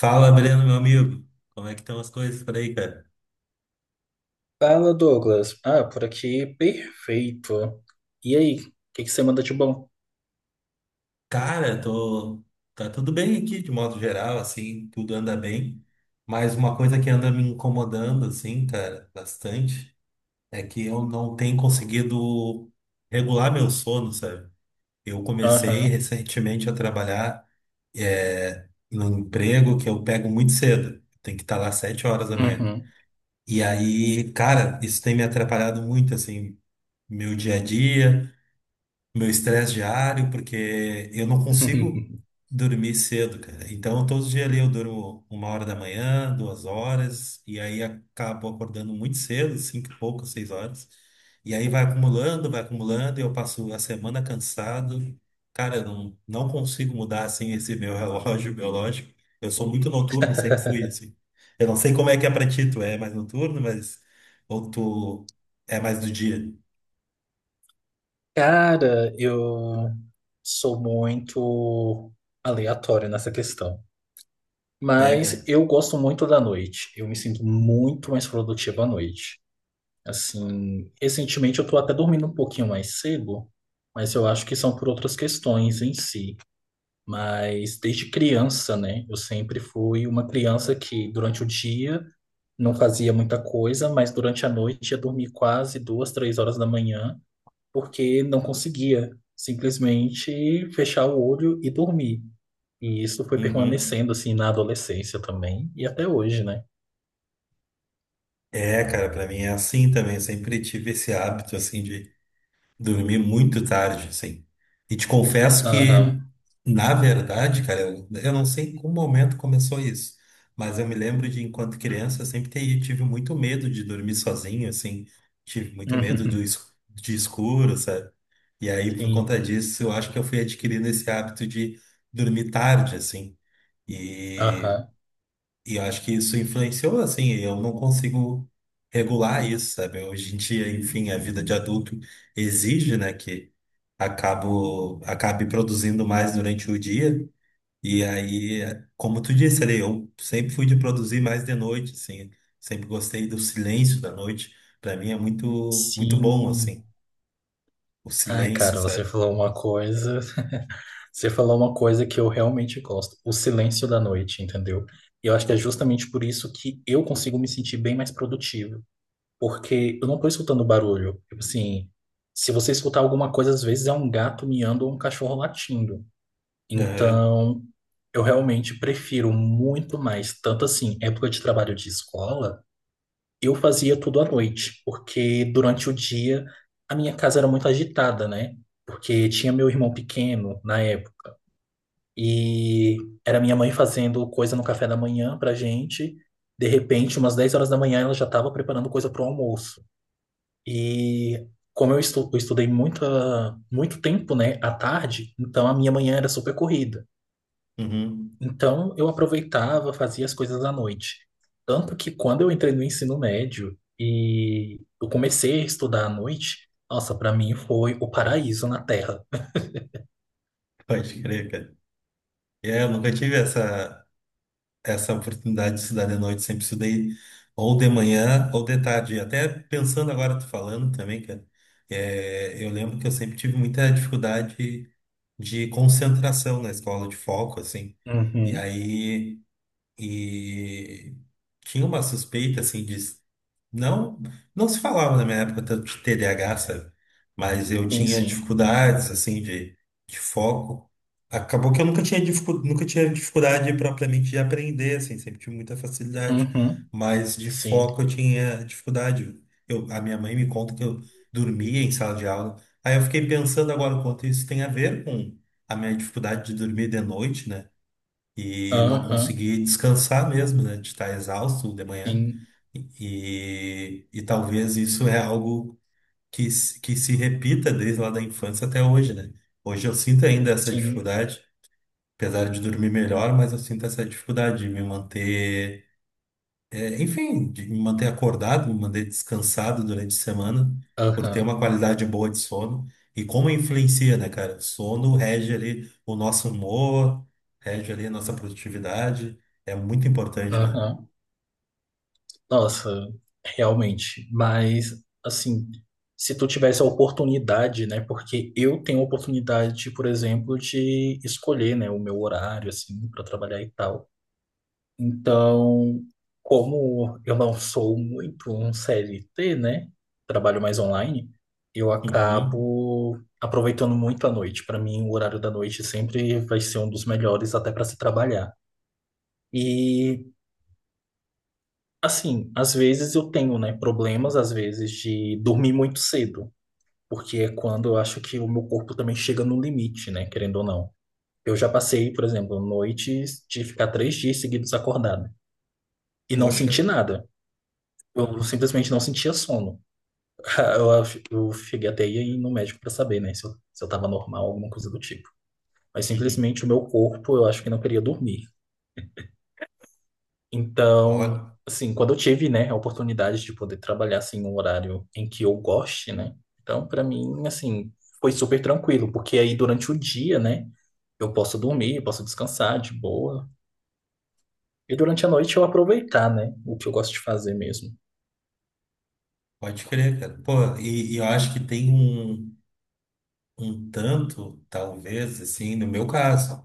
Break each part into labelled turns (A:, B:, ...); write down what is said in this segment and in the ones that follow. A: Fala, Breno, meu amigo. Como é que estão as coisas por aí, cara?
B: Fala, Douglas. Ah, por aqui, perfeito. E aí, o que que você manda de bom?
A: Cara, tô... tá tudo bem aqui, de modo geral, assim, tudo anda bem. Mas uma coisa que anda me incomodando, assim, cara, bastante, é que eu não tenho conseguido regular meu sono, sabe? Eu comecei
B: Aham.
A: recentemente a trabalhar num emprego que eu pego muito cedo. Tem que estar lá sete horas da manhã.
B: Uhum.
A: E aí, cara, isso tem me atrapalhado muito, assim, meu dia a dia. Meu estresse diário, porque eu não consigo dormir cedo, cara. Então, todos os dias ali eu durmo uma hora da manhã, duas horas, e aí acabo acordando muito cedo, cinco e pouco, seis horas. E aí vai acumulando, e eu passo a semana cansado. Cara, eu não consigo mudar, assim, esse meu relógio biológico. Eu sou muito noturno, sempre fui, assim. Eu não sei como é que é pra ti, tu é mais noturno, mas... Ou tu é mais do dia.
B: Cara, eu sou muito aleatório nessa questão.
A: É,
B: Mas
A: cara.
B: eu gosto muito da noite. Eu me sinto muito mais produtivo à noite. Assim, recentemente eu tô até dormindo um pouquinho mais cedo, mas eu acho que são por outras questões em si. Mas desde criança, né? Eu sempre fui uma criança que durante o dia não fazia muita coisa, mas durante a noite ia dormir quase duas, três horas da manhã, porque não conseguia simplesmente fechar o olho e dormir. E isso foi
A: Uhum.
B: permanecendo assim na adolescência também e até hoje, né?
A: É, cara, pra mim é assim também. Eu sempre tive esse hábito, assim, de dormir muito tarde, assim. E te confesso que,
B: Aham.
A: na verdade, cara, eu não sei em qual momento começou isso, mas eu me lembro de, enquanto criança, eu sempre tive muito medo de dormir sozinho, assim. Tive muito medo do es- De escuro, sabe? E aí, por
B: Sim.
A: conta disso, eu acho que eu fui adquirindo esse hábito de dormir tarde, assim. E
B: Aham.
A: e eu acho que isso influenciou, assim, eu não consigo regular isso, sabe? Hoje em dia, enfim, a vida de adulto exige, né, que acabe produzindo mais durante o dia. E aí, como tu disse ali, eu sempre fui de produzir mais de noite, assim, sempre gostei do silêncio da noite. Para mim é muito, muito bom,
B: Sim.
A: assim, o
B: Ah,
A: silêncio,
B: cara, você
A: sabe?
B: falou uma coisa. Você falou uma coisa que eu realmente gosto, o silêncio da noite, entendeu? E eu acho que é justamente por isso que eu consigo me sentir bem mais produtivo, porque eu não tô escutando barulho. Tipo assim, se você escutar alguma coisa, às vezes é um gato miando ou um cachorro latindo.
A: Aham,
B: Então, eu realmente prefiro muito mais. Tanto assim, época de trabalho de escola, eu fazia tudo à noite, porque durante o dia a minha casa era muito agitada, né? Porque tinha meu irmão pequeno na época. E era minha mãe fazendo coisa no café da manhã pra gente. De repente, umas 10 horas da manhã, ela já estava preparando coisa pro almoço. E como eu, estu eu estudei muita, muito tempo, né, à tarde, então a minha manhã era super corrida.
A: uhum.
B: Então eu aproveitava, fazia as coisas à noite. Tanto que quando eu entrei no ensino médio e eu comecei a estudar à noite, nossa, para mim foi o paraíso na Terra.
A: Pode crer, cara. É, eu nunca tive essa. Essa oportunidade de estudar de noite, sempre estudei ou de manhã ou de tarde. Até pensando agora, tu falando também, cara, é, eu lembro que eu sempre tive muita dificuldade de concentração na escola, de foco, assim. E
B: Uhum.
A: aí, e tinha uma suspeita, assim, de, não, não se falava na minha época tanto de TDAH, sabe? Mas eu
B: Sim,
A: tinha
B: sim.
A: dificuldades, assim, de foco. Acabou que eu nunca tinha, dificu- nunca tinha dificuldade propriamente de aprender, assim, sempre tive muita facilidade.
B: Uhum.
A: Mas de
B: Sim.
A: foco eu tinha dificuldade. Eu, a minha mãe me conta que eu dormia em sala de aula. Aí eu fiquei pensando agora o quanto isso tem a ver com a minha dificuldade de dormir de noite, né? E não
B: Aham.
A: consegui descansar mesmo, né? De estar exausto de manhã.
B: Sim.
A: E talvez isso é algo que se repita desde lá da infância até hoje, né? Hoje eu sinto ainda essa
B: Sim.
A: dificuldade, apesar de dormir melhor, mas eu sinto essa dificuldade de me manter é, enfim, de me manter acordado, me manter descansado durante a semana, por ter
B: Aham.
A: uma qualidade boa de sono. E como influencia, né, cara? O sono rege ali o nosso humor, rege ali a nossa produtividade. É muito importante, né?
B: Aham. Nossa, realmente. Mas, assim, se tu tivesse a oportunidade, né? Porque eu tenho a oportunidade, por exemplo, de escolher, né, o meu horário, assim, para trabalhar e tal. Então, como eu não sou muito um CLT, né? Trabalho mais online, eu
A: Uhum.
B: acabo aproveitando muito a noite. Para mim, o horário da noite sempre vai ser um dos melhores até para se trabalhar. E assim, às vezes eu tenho, né, problemas, às vezes, de dormir muito cedo, porque é quando eu acho que o meu corpo também chega no limite, né, querendo ou não. Eu já passei, por exemplo, noites de ficar 3 dias seguidos acordado e não
A: Poxa.
B: senti nada. Eu simplesmente não sentia sono. Eu cheguei até aí ir no médico para saber, né, se eu tava normal, alguma coisa do tipo. Mas
A: Uhum.
B: simplesmente o meu corpo, eu acho que não queria dormir. Então,
A: Pode,
B: assim, quando eu tive, né, a oportunidade de poder trabalhar assim um horário em que eu goste, né? Então, para mim, assim, foi super tranquilo, porque aí durante o dia, né, eu posso dormir, eu posso descansar de boa. E durante a noite eu aproveitar, né, o que eu gosto de fazer mesmo.
A: Pode crer, cara. Pô, e eu acho que tem um, um tanto, talvez, assim, no meu caso.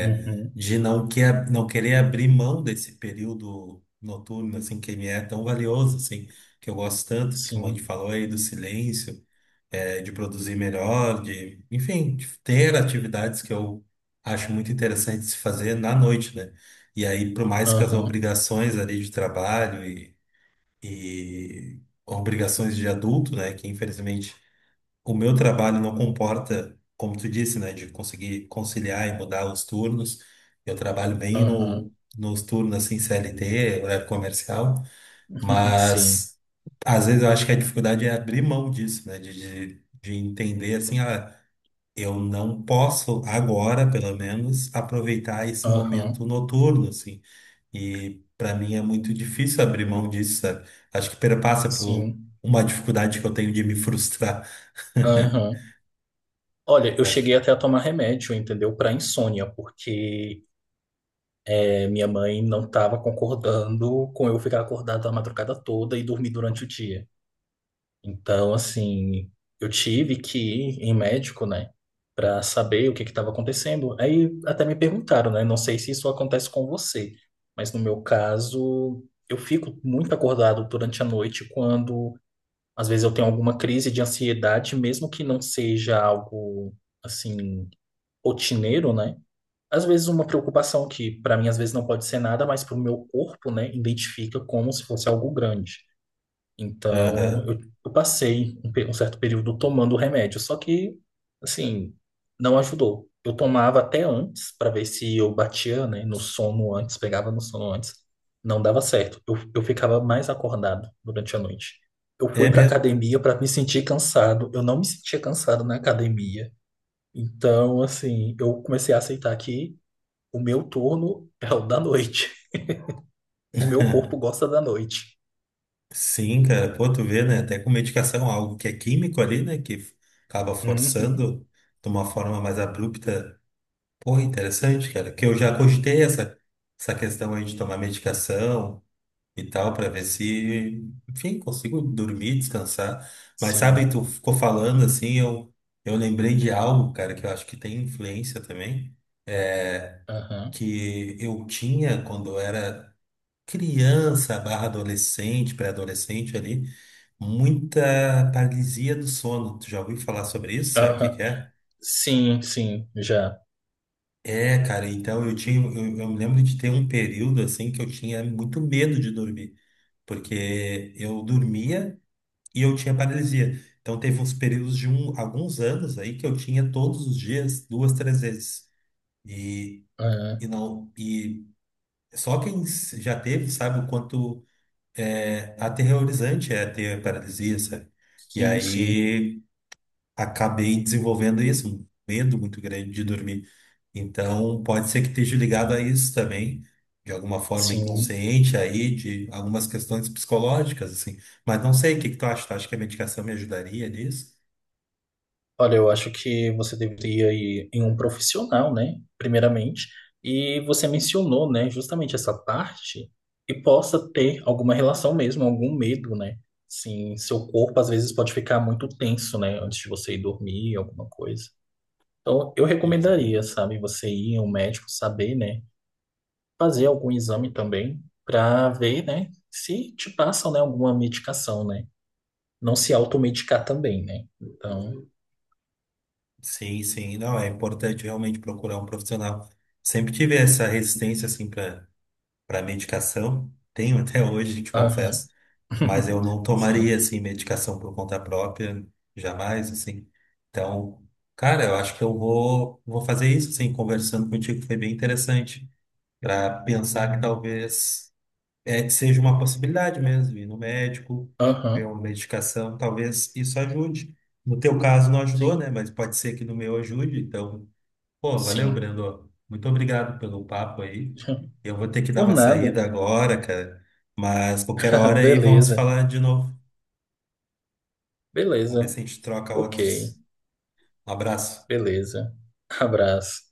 B: Uhum,
A: De não, que, não querer abrir mão desse período noturno, assim, que me é tão valioso, assim, que eu gosto tanto, que o a
B: sim.
A: falou aí, do silêncio, é, de produzir melhor, de, enfim, de ter atividades que eu acho muito interessante se fazer na noite, né? E aí, por mais que as
B: Aham,
A: obrigações ali de trabalho e obrigações de adulto, né, que infelizmente o meu trabalho não comporta, como tu disse, né, de conseguir conciliar e mudar os turnos. Eu trabalho bem
B: aham.
A: no, nos turnos assim CLT, horário comercial,
B: Sim.
A: mas às vezes eu acho que a dificuldade é abrir mão disso, né, de entender assim, ah, eu não posso agora, pelo menos, aproveitar esse momento
B: Aham,
A: noturno, assim. E para mim é muito difícil abrir mão disso, sabe? Acho que perpassa por
B: sim.
A: uma dificuldade que eu tenho de me frustrar.
B: Aham. Olha, eu
A: Acho
B: cheguei
A: que
B: até a tomar remédio, entendeu? Para insônia, porque e minha mãe não estava concordando com eu ficar acordado a madrugada toda e dormir durante o dia. Então, assim, eu tive que ir em médico, né, para saber o que estava acontecendo. Aí até me perguntaram, né, não sei se isso acontece com você, mas no meu caso, eu fico muito acordado durante a noite quando às vezes eu tenho alguma crise de ansiedade, mesmo que não seja algo assim rotineiro, né? Às vezes uma preocupação que para mim às vezes não pode ser nada, mas para o meu corpo, né, identifica como se fosse algo grande. Então
A: Aham.
B: eu passei um certo período tomando o remédio, só que assim não ajudou. Eu tomava até antes para ver se eu batia, né, no sono antes, pegava no sono antes, não dava certo. Eu ficava mais acordado durante a noite. Eu fui
A: É
B: para
A: mesmo.
B: academia para me sentir cansado. Eu não me sentia cansado na academia. Então, assim, eu comecei a aceitar que o meu turno é o da noite. O meu corpo gosta da noite.
A: Sim, cara. Pô, tu vê, né? Até com medicação, algo que é químico ali, né? Que acaba
B: Uhum.
A: forçando de uma forma mais abrupta. Pô, interessante, cara. Que eu já cogitei essa, Essa questão aí de tomar medicação e tal, pra ver se, enfim, consigo dormir, descansar. Mas sabe,
B: Sim.
A: tu ficou falando assim, eu lembrei de algo, cara, que eu acho que tem influência também,
B: Aham.
A: que eu tinha quando eu era. Criança barra adolescente, pré-adolescente ali, muita paralisia do sono. Tu já ouviu falar sobre isso? Sabe o que
B: Aham.
A: que é?
B: Sim, sim, já.
A: É, cara, então eu me lembro de ter um período assim que eu tinha muito medo de dormir, porque eu dormia e eu tinha paralisia. Então teve uns períodos de um, alguns anos aí que eu tinha todos os dias, duas, três vezes. E, e
B: Aham.
A: não, E já teve sabe o quanto é aterrorizante é ter paralisia, sabe? E
B: Sim, sim,
A: aí acabei desenvolvendo isso, um medo muito grande de dormir. Então pode ser que esteja ligado a isso também, de alguma forma
B: sim.
A: inconsciente aí, de algumas questões psicológicas, assim. Mas não sei, o que que tu acha? Tu acha que a medicação me ajudaria nisso?
B: Olha, eu acho que você deveria ir em um profissional, né? Primeiramente. E você mencionou, né, justamente essa parte que possa ter alguma relação mesmo, algum medo, né? Sim, seu corpo às vezes pode ficar muito tenso, né, antes de você ir dormir, alguma coisa. Então, eu recomendaria,
A: Uhum.
B: sabe, você ir em um médico, saber, né, fazer algum exame também, para ver, né, se te passam, né, alguma medicação, né? Não se automedicar também, né? Então,
A: Sim, sim, não, é importante realmente procurar um profissional. Sempre tive essa resistência, assim, para medicação. Tenho até hoje, te confesso.
B: aham,
A: Mas eu não tomaria
B: sim,
A: assim medicação por conta própria, jamais assim. Então, cara, eu acho que eu vou fazer isso assim, conversando contigo foi bem interessante para pensar que talvez é seja uma possibilidade mesmo ir no médico,
B: aham,
A: ver uma medicação, talvez isso ajude. No teu caso não ajudou, né?
B: sim,
A: Mas pode ser que no meu ajude. Então, pô, valeu,
B: sim.
A: Brendo. Muito obrigado pelo papo aí. Eu vou ter que dar
B: Por
A: uma
B: nada.
A: saída agora, cara. Mas qualquer hora aí vamos
B: Beleza,
A: falar de novo. Vamos ver
B: beleza,
A: se a gente troca
B: ok,
A: outros. Um abraço.
B: beleza. Abraço.